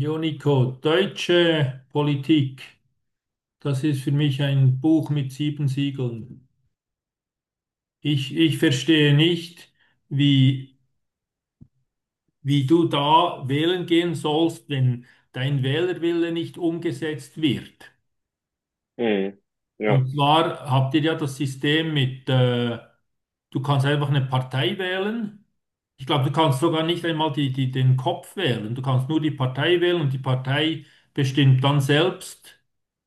Jo, Nico, deutsche Politik, das ist für mich ein Buch mit sieben Siegeln. Ich verstehe nicht, wie, wie du da wählen gehen sollst, wenn dein Wählerwille nicht umgesetzt wird. Mhm. Ja, Und zwar habt ihr ja das System mit, du kannst einfach eine Partei wählen. Ich glaube, du kannst sogar nicht einmal den Kopf wählen. Du kannst nur die Partei wählen und die Partei bestimmt dann selbst,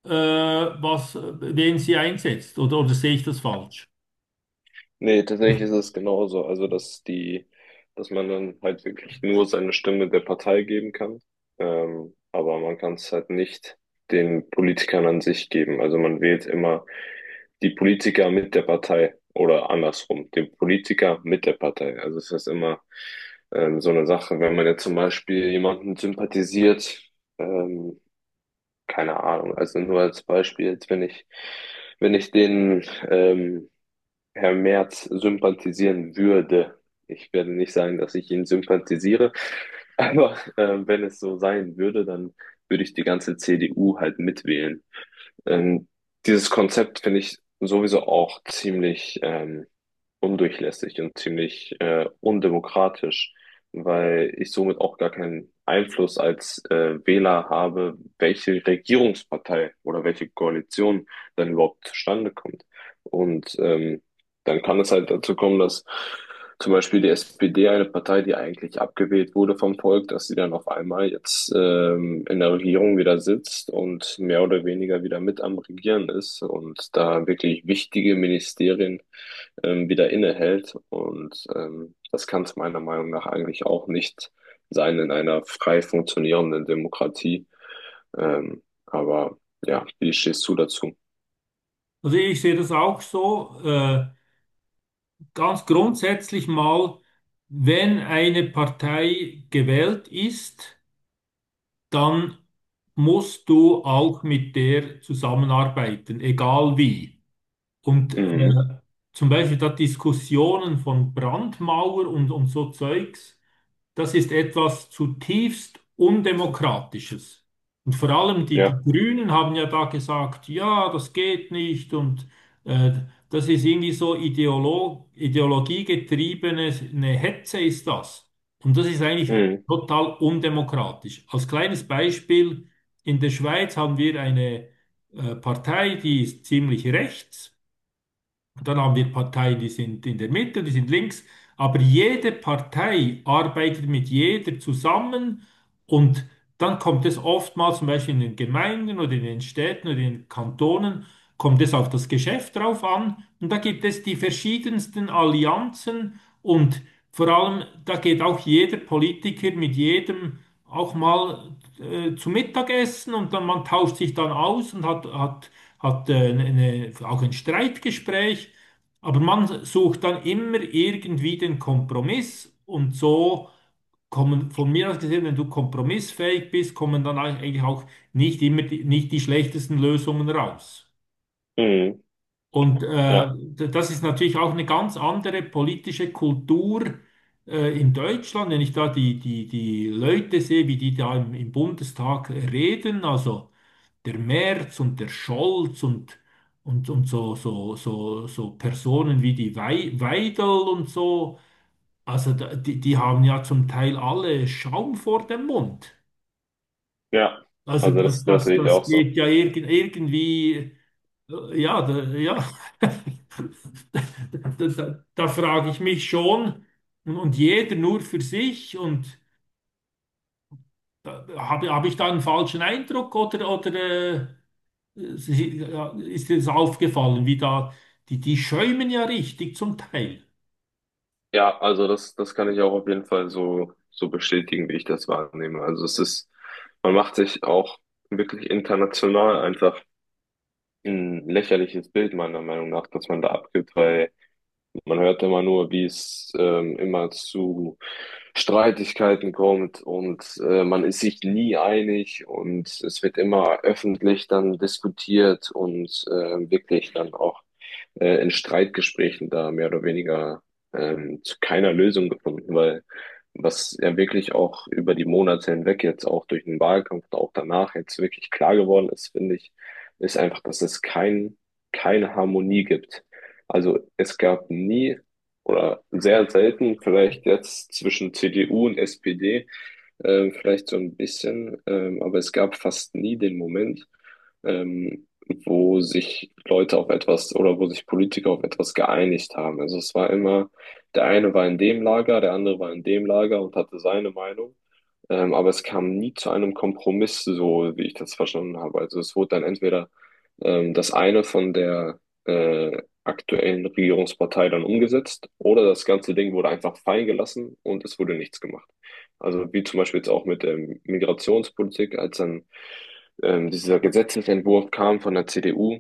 wen sie einsetzt. Oder sehe ich das falsch? nee, tatsächlich ist es genauso. Also, dass man dann halt wirklich nur seine Stimme der Partei geben kann. Aber man kann es halt nicht den Politikern an sich geben. Also man wählt immer die Politiker mit der Partei oder andersrum, den Politiker mit der Partei. Also es ist immer so eine Sache, wenn man jetzt zum Beispiel jemanden sympathisiert, ähm, keine Ahnung, also nur als Beispiel, jetzt wenn ich den ähm, Herr Merz sympathisieren würde. Ich werde nicht sagen, dass ich ihn sympathisiere, aber wenn es so sein würde, dann würde ich die ganze CDU halt mitwählen. Ähm, dieses Konzept finde ich sowieso auch ziemlich undurchlässig und ziemlich undemokratisch, weil ich somit auch gar keinen Einfluss als Wähler habe, welche Regierungspartei oder welche Koalition dann überhaupt zustande kommt. Und dann kann es halt dazu kommen, dass zum Beispiel die SPD, eine Partei, die eigentlich abgewählt wurde vom Volk, dass sie dann auf einmal jetzt in der Regierung wieder sitzt und mehr oder weniger wieder mit am Regieren ist und da wirklich wichtige Ministerien wieder innehält. Und das kann es meiner Meinung nach eigentlich auch nicht sein in einer frei funktionierenden Demokratie. Aber ja, wie stehst du dazu? Also ich sehe das auch so, ganz grundsätzlich mal, wenn eine Partei gewählt ist, dann musst du auch mit der zusammenarbeiten, egal wie. Und Mhm. Zum Beispiel da Diskussionen von Brandmauer und so Zeugs, das ist etwas zutiefst Undemokratisches. Und vor allem die, Ja, die Grünen haben ja da gesagt, ja, das geht nicht und äh, das ist irgendwie so ideologiegetriebene eine Hetze ist das. Und das ist eigentlich mhm. total undemokratisch. Als kleines Beispiel, in der Schweiz haben wir eine Partei, die ist ziemlich rechts. Und dann haben wir Parteien, die sind in der Mitte, die sind links, aber jede Partei arbeitet mit jeder zusammen und dann kommt es oftmals zum Beispiel in den Gemeinden oder in den Städten oder in den Kantonen kommt es auf das Geschäft drauf an. Und da gibt es die verschiedensten Allianzen und vor allem, da geht auch jeder Politiker mit jedem auch mal zu Mittagessen und dann man tauscht sich dann aus und hat eine, auch ein Streitgespräch. Aber man sucht dann immer irgendwie den Kompromiss und so kommen von mir aus gesehen, wenn du kompromissfähig bist, kommen dann eigentlich auch nicht immer nicht die schlechtesten Lösungen raus. Mhm. Und Ja, das ist natürlich auch eine ganz andere politische Kultur in Deutschland, wenn ich da die Leute sehe, wie die da im Bundestag reden, also der Merz und der Scholz und so, Personen wie die Weidel und so, also da, die haben ja zum Teil alle Schaum vor dem Mund. ja. Also Also das sehe ich auch das so. geht ja irgendwie. Ja, da, ja. Da, da da frage ich mich schon, und jeder nur für sich, und da, da habe ich da einen falschen Eindruck oder ja, ist dir das aufgefallen, wie da, die schäumen ja richtig zum Teil. Ja, also das kann ich auch auf jeden Fall so bestätigen, wie ich das wahrnehme. Also es ist, man macht sich auch wirklich international einfach ein lächerliches Bild, meiner Meinung nach, dass man da abgibt, weil man hört immer nur, wie es immer zu Streitigkeiten kommt und man ist sich nie einig und es wird immer öffentlich dann diskutiert und wirklich dann auch in Streitgesprächen da mehr oder weniger zu keiner Lösung gefunden, weil was ja wirklich auch über die Monate hinweg jetzt auch durch den Wahlkampf und auch danach jetzt wirklich klar geworden ist, finde ich, ist einfach, dass es keine Harmonie gibt, also es gab nie oder sehr selten, vielleicht jetzt zwischen CDU und SPD, vielleicht so ein bisschen, aber es gab fast nie den Moment, ähm, wo sich Leute auf etwas oder wo sich Politiker auf etwas geeinigt haben. Also es war immer, der eine war in dem Lager, der andere war in dem Lager und hatte seine Meinung. Aber es kam nie zu einem Kompromiss, so wie ich das verstanden habe. Also es wurde dann entweder das eine von der aktuellen Regierungspartei dann umgesetzt oder das ganze Ding wurde einfach fallen gelassen und es wurde nichts gemacht. Also wie zum Beispiel jetzt auch mit der Migrationspolitik, als dann dieser Gesetzesentwurf kam von der CDU,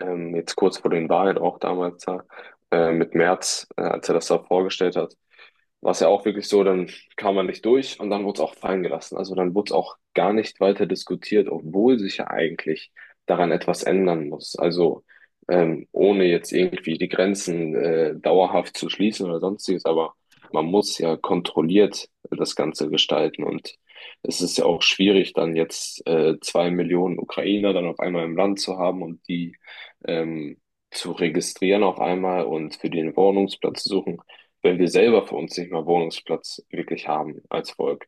jetzt kurz vor den Wahlen auch damals da, mit Merz, als er das da vorgestellt hat, war es ja auch wirklich so, dann kam man nicht durch und dann wurde es auch fallen gelassen. Also dann wurde es auch gar nicht weiter diskutiert, obwohl sich ja eigentlich daran etwas ändern muss. Also ohne jetzt irgendwie die Grenzen dauerhaft zu schließen oder sonstiges, aber man muss ja kontrolliert das Ganze gestalten und es ist ja auch schwierig, dann jetzt 2 Millionen Ukrainer dann auf einmal im Land zu haben und die ähm, zu registrieren auf einmal und für den Wohnungsplatz zu suchen, wenn wir selber für uns nicht mal Wohnungsplatz wirklich haben als Volk.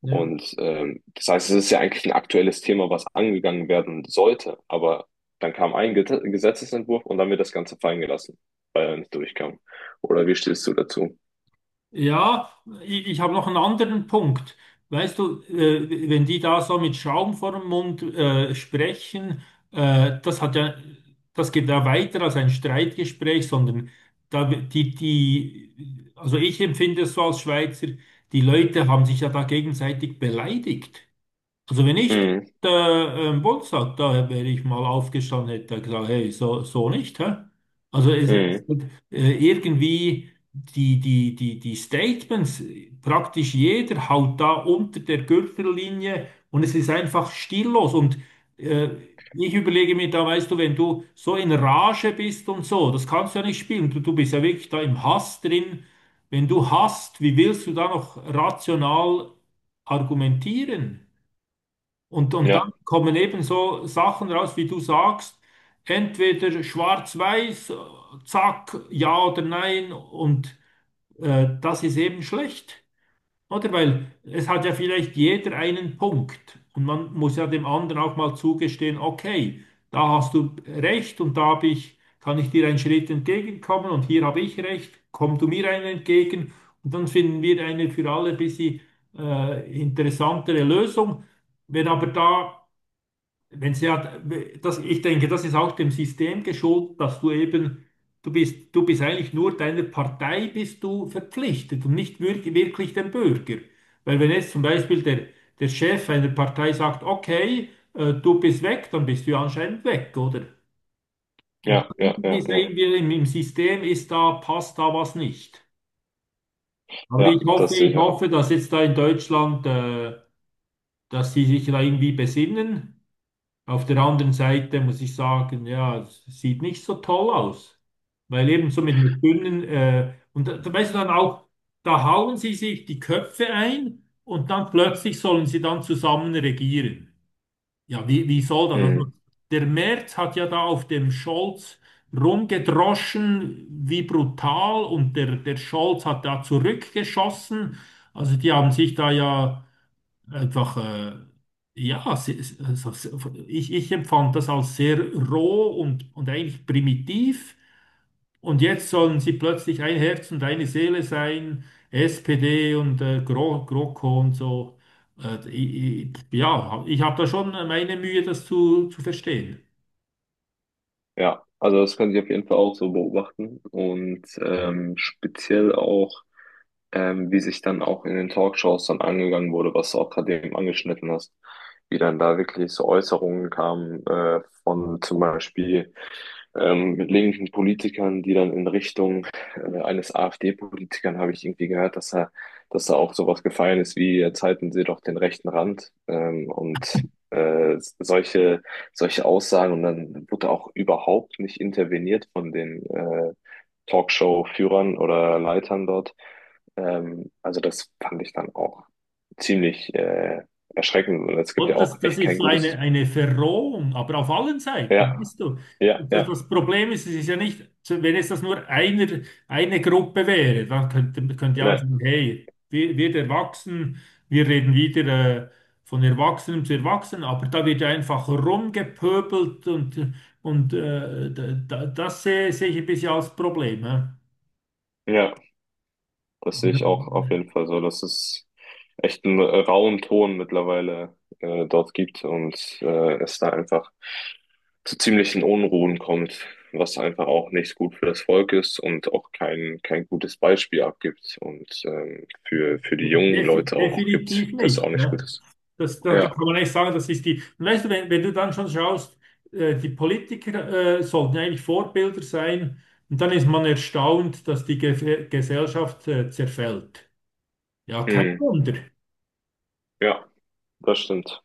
Und das heißt, es ist ja eigentlich ein aktuelles Thema, was angegangen werden sollte, aber dann kam ein Get Gesetzesentwurf und dann wird das Ganze fallen gelassen, weil er nicht durchkam. Oder wie stehst du dazu? Ja, ich habe noch einen anderen Punkt. Weißt du, wenn die da so mit Schaum vor dem Mund sprechen, das hat ja, das geht ja weiter als ein Streitgespräch, sondern da, also ich empfinde es so als Schweizer, die Leute haben sich ja da gegenseitig beleidigt. Also wenn ich Mhm. der Bundestag da wäre ich mal aufgestanden, hätte gesagt, hey, so, so nicht, hä? Also es Mhm. wird, irgendwie die Statements, praktisch jeder haut da unter der Gürtellinie und es ist einfach stillos. Und äh, ich überlege mir da, weißt du, wenn du so in Rage bist und so, das kannst du ja nicht spielen. Du bist ja wirklich da im Hass drin. Wenn du hasst, wie willst du da noch rational argumentieren? Und Ja, dann kommen eben so Sachen raus, wie du sagst, entweder schwarz-weiß, zack, ja oder nein, und das ist eben schlecht, oder? Weil es hat ja vielleicht jeder einen Punkt und man muss ja dem anderen auch mal zugestehen, okay, da hast du recht und da kann ich dir einen Schritt entgegenkommen und hier habe ich recht, komm du mir einen entgegen und dann finden wir eine für alle ein bisschen interessantere Lösung. Wenn aber da wenn sie hat, das, ich denke, das ist auch dem System geschuldet, dass du eben, du bist eigentlich nur deiner Partei bist du verpflichtet und nicht wirklich dem Bürger. Weil wenn jetzt zum Beispiel der Chef einer Partei sagt, okay, du bist weg, dann bist du ja anscheinend weg, oder? Und ja, ja, irgendwie ja, ja. sehen wir im System ist da, passt da was nicht. Aber Ja, das sehe ich ich auch. hoffe, dass jetzt da in Deutschland, dass sie sich da irgendwie besinnen. Auf der anderen Seite muss ich sagen, ja, es sieht nicht so toll aus, weil eben so mit einer dünnen, und da, da weißt du dann auch, da hauen sie sich die Köpfe ein und dann plötzlich sollen sie dann zusammen regieren. Ja, wie, wie soll das? Also, Mhm. der Merz hat ja da auf dem Scholz rumgedroschen, wie brutal, und der Scholz hat da zurückgeschossen. Also die haben sich da ja einfach, ja, se- se- also se- ich empfand das als sehr roh und eigentlich primitiv. Und jetzt sollen sie plötzlich ein Herz und eine Seele sein, SPD und GroKo und so. Ja, ich habe da schon meine Mühe, das zu verstehen. Ja, also das kann ich auf jeden Fall auch so beobachten. Und speziell auch wie sich dann auch in den Talkshows dann angegangen wurde, was du auch gerade eben angeschnitten hast, wie dann da wirklich so Äußerungen kamen von zum Beispiel mit linken Politikern, die dann in Richtung eines AfD-Politikern habe ich irgendwie gehört, dass da auch sowas gefallen ist wie jetzt halten Sie doch den rechten Rand und äh, solche solche Aussagen und dann wurde auch überhaupt nicht interveniert von den Talkshow-Führern oder Leitern dort. Also das fand ich dann auch ziemlich erschreckend und es gibt Oder ja auch das echt ist kein so gutes. eine Verrohung, aber auf allen Seiten, Ja, weißt du. ja, Das ja, das Problem ist, es ist ja nicht, wenn es das nur einer, eine Gruppe wäre, dann könnte ne, ja sagen, hey, wir Erwachsenen, wir reden wieder äh, von Erwachsenen zu Erwachsenen, aber da wird ja einfach rumgepöbelt und das sehe ich ein bisschen als Problem. Ja? ja. Das sehe ich auch auf jeden Fall so, dass es echt einen rauen Ton mittlerweile dort gibt und es da einfach zu ziemlichen Unruhen kommt, was einfach auch nicht gut für das Volk ist und auch kein gutes Beispiel abgibt und für die jungen Leute auch gibt, Definitiv das auch nicht. nicht gut Ja? ist. Das, das, da Ja, kann man echt sagen, das ist die. Und weißt du, wenn, wenn du dann schon schaust, die Politiker sollten ja eigentlich Vorbilder sein, und dann ist man erstaunt, dass die Ge Gesellschaft zerfällt. Ja, kein mhm. Wunder. Ja, das stimmt.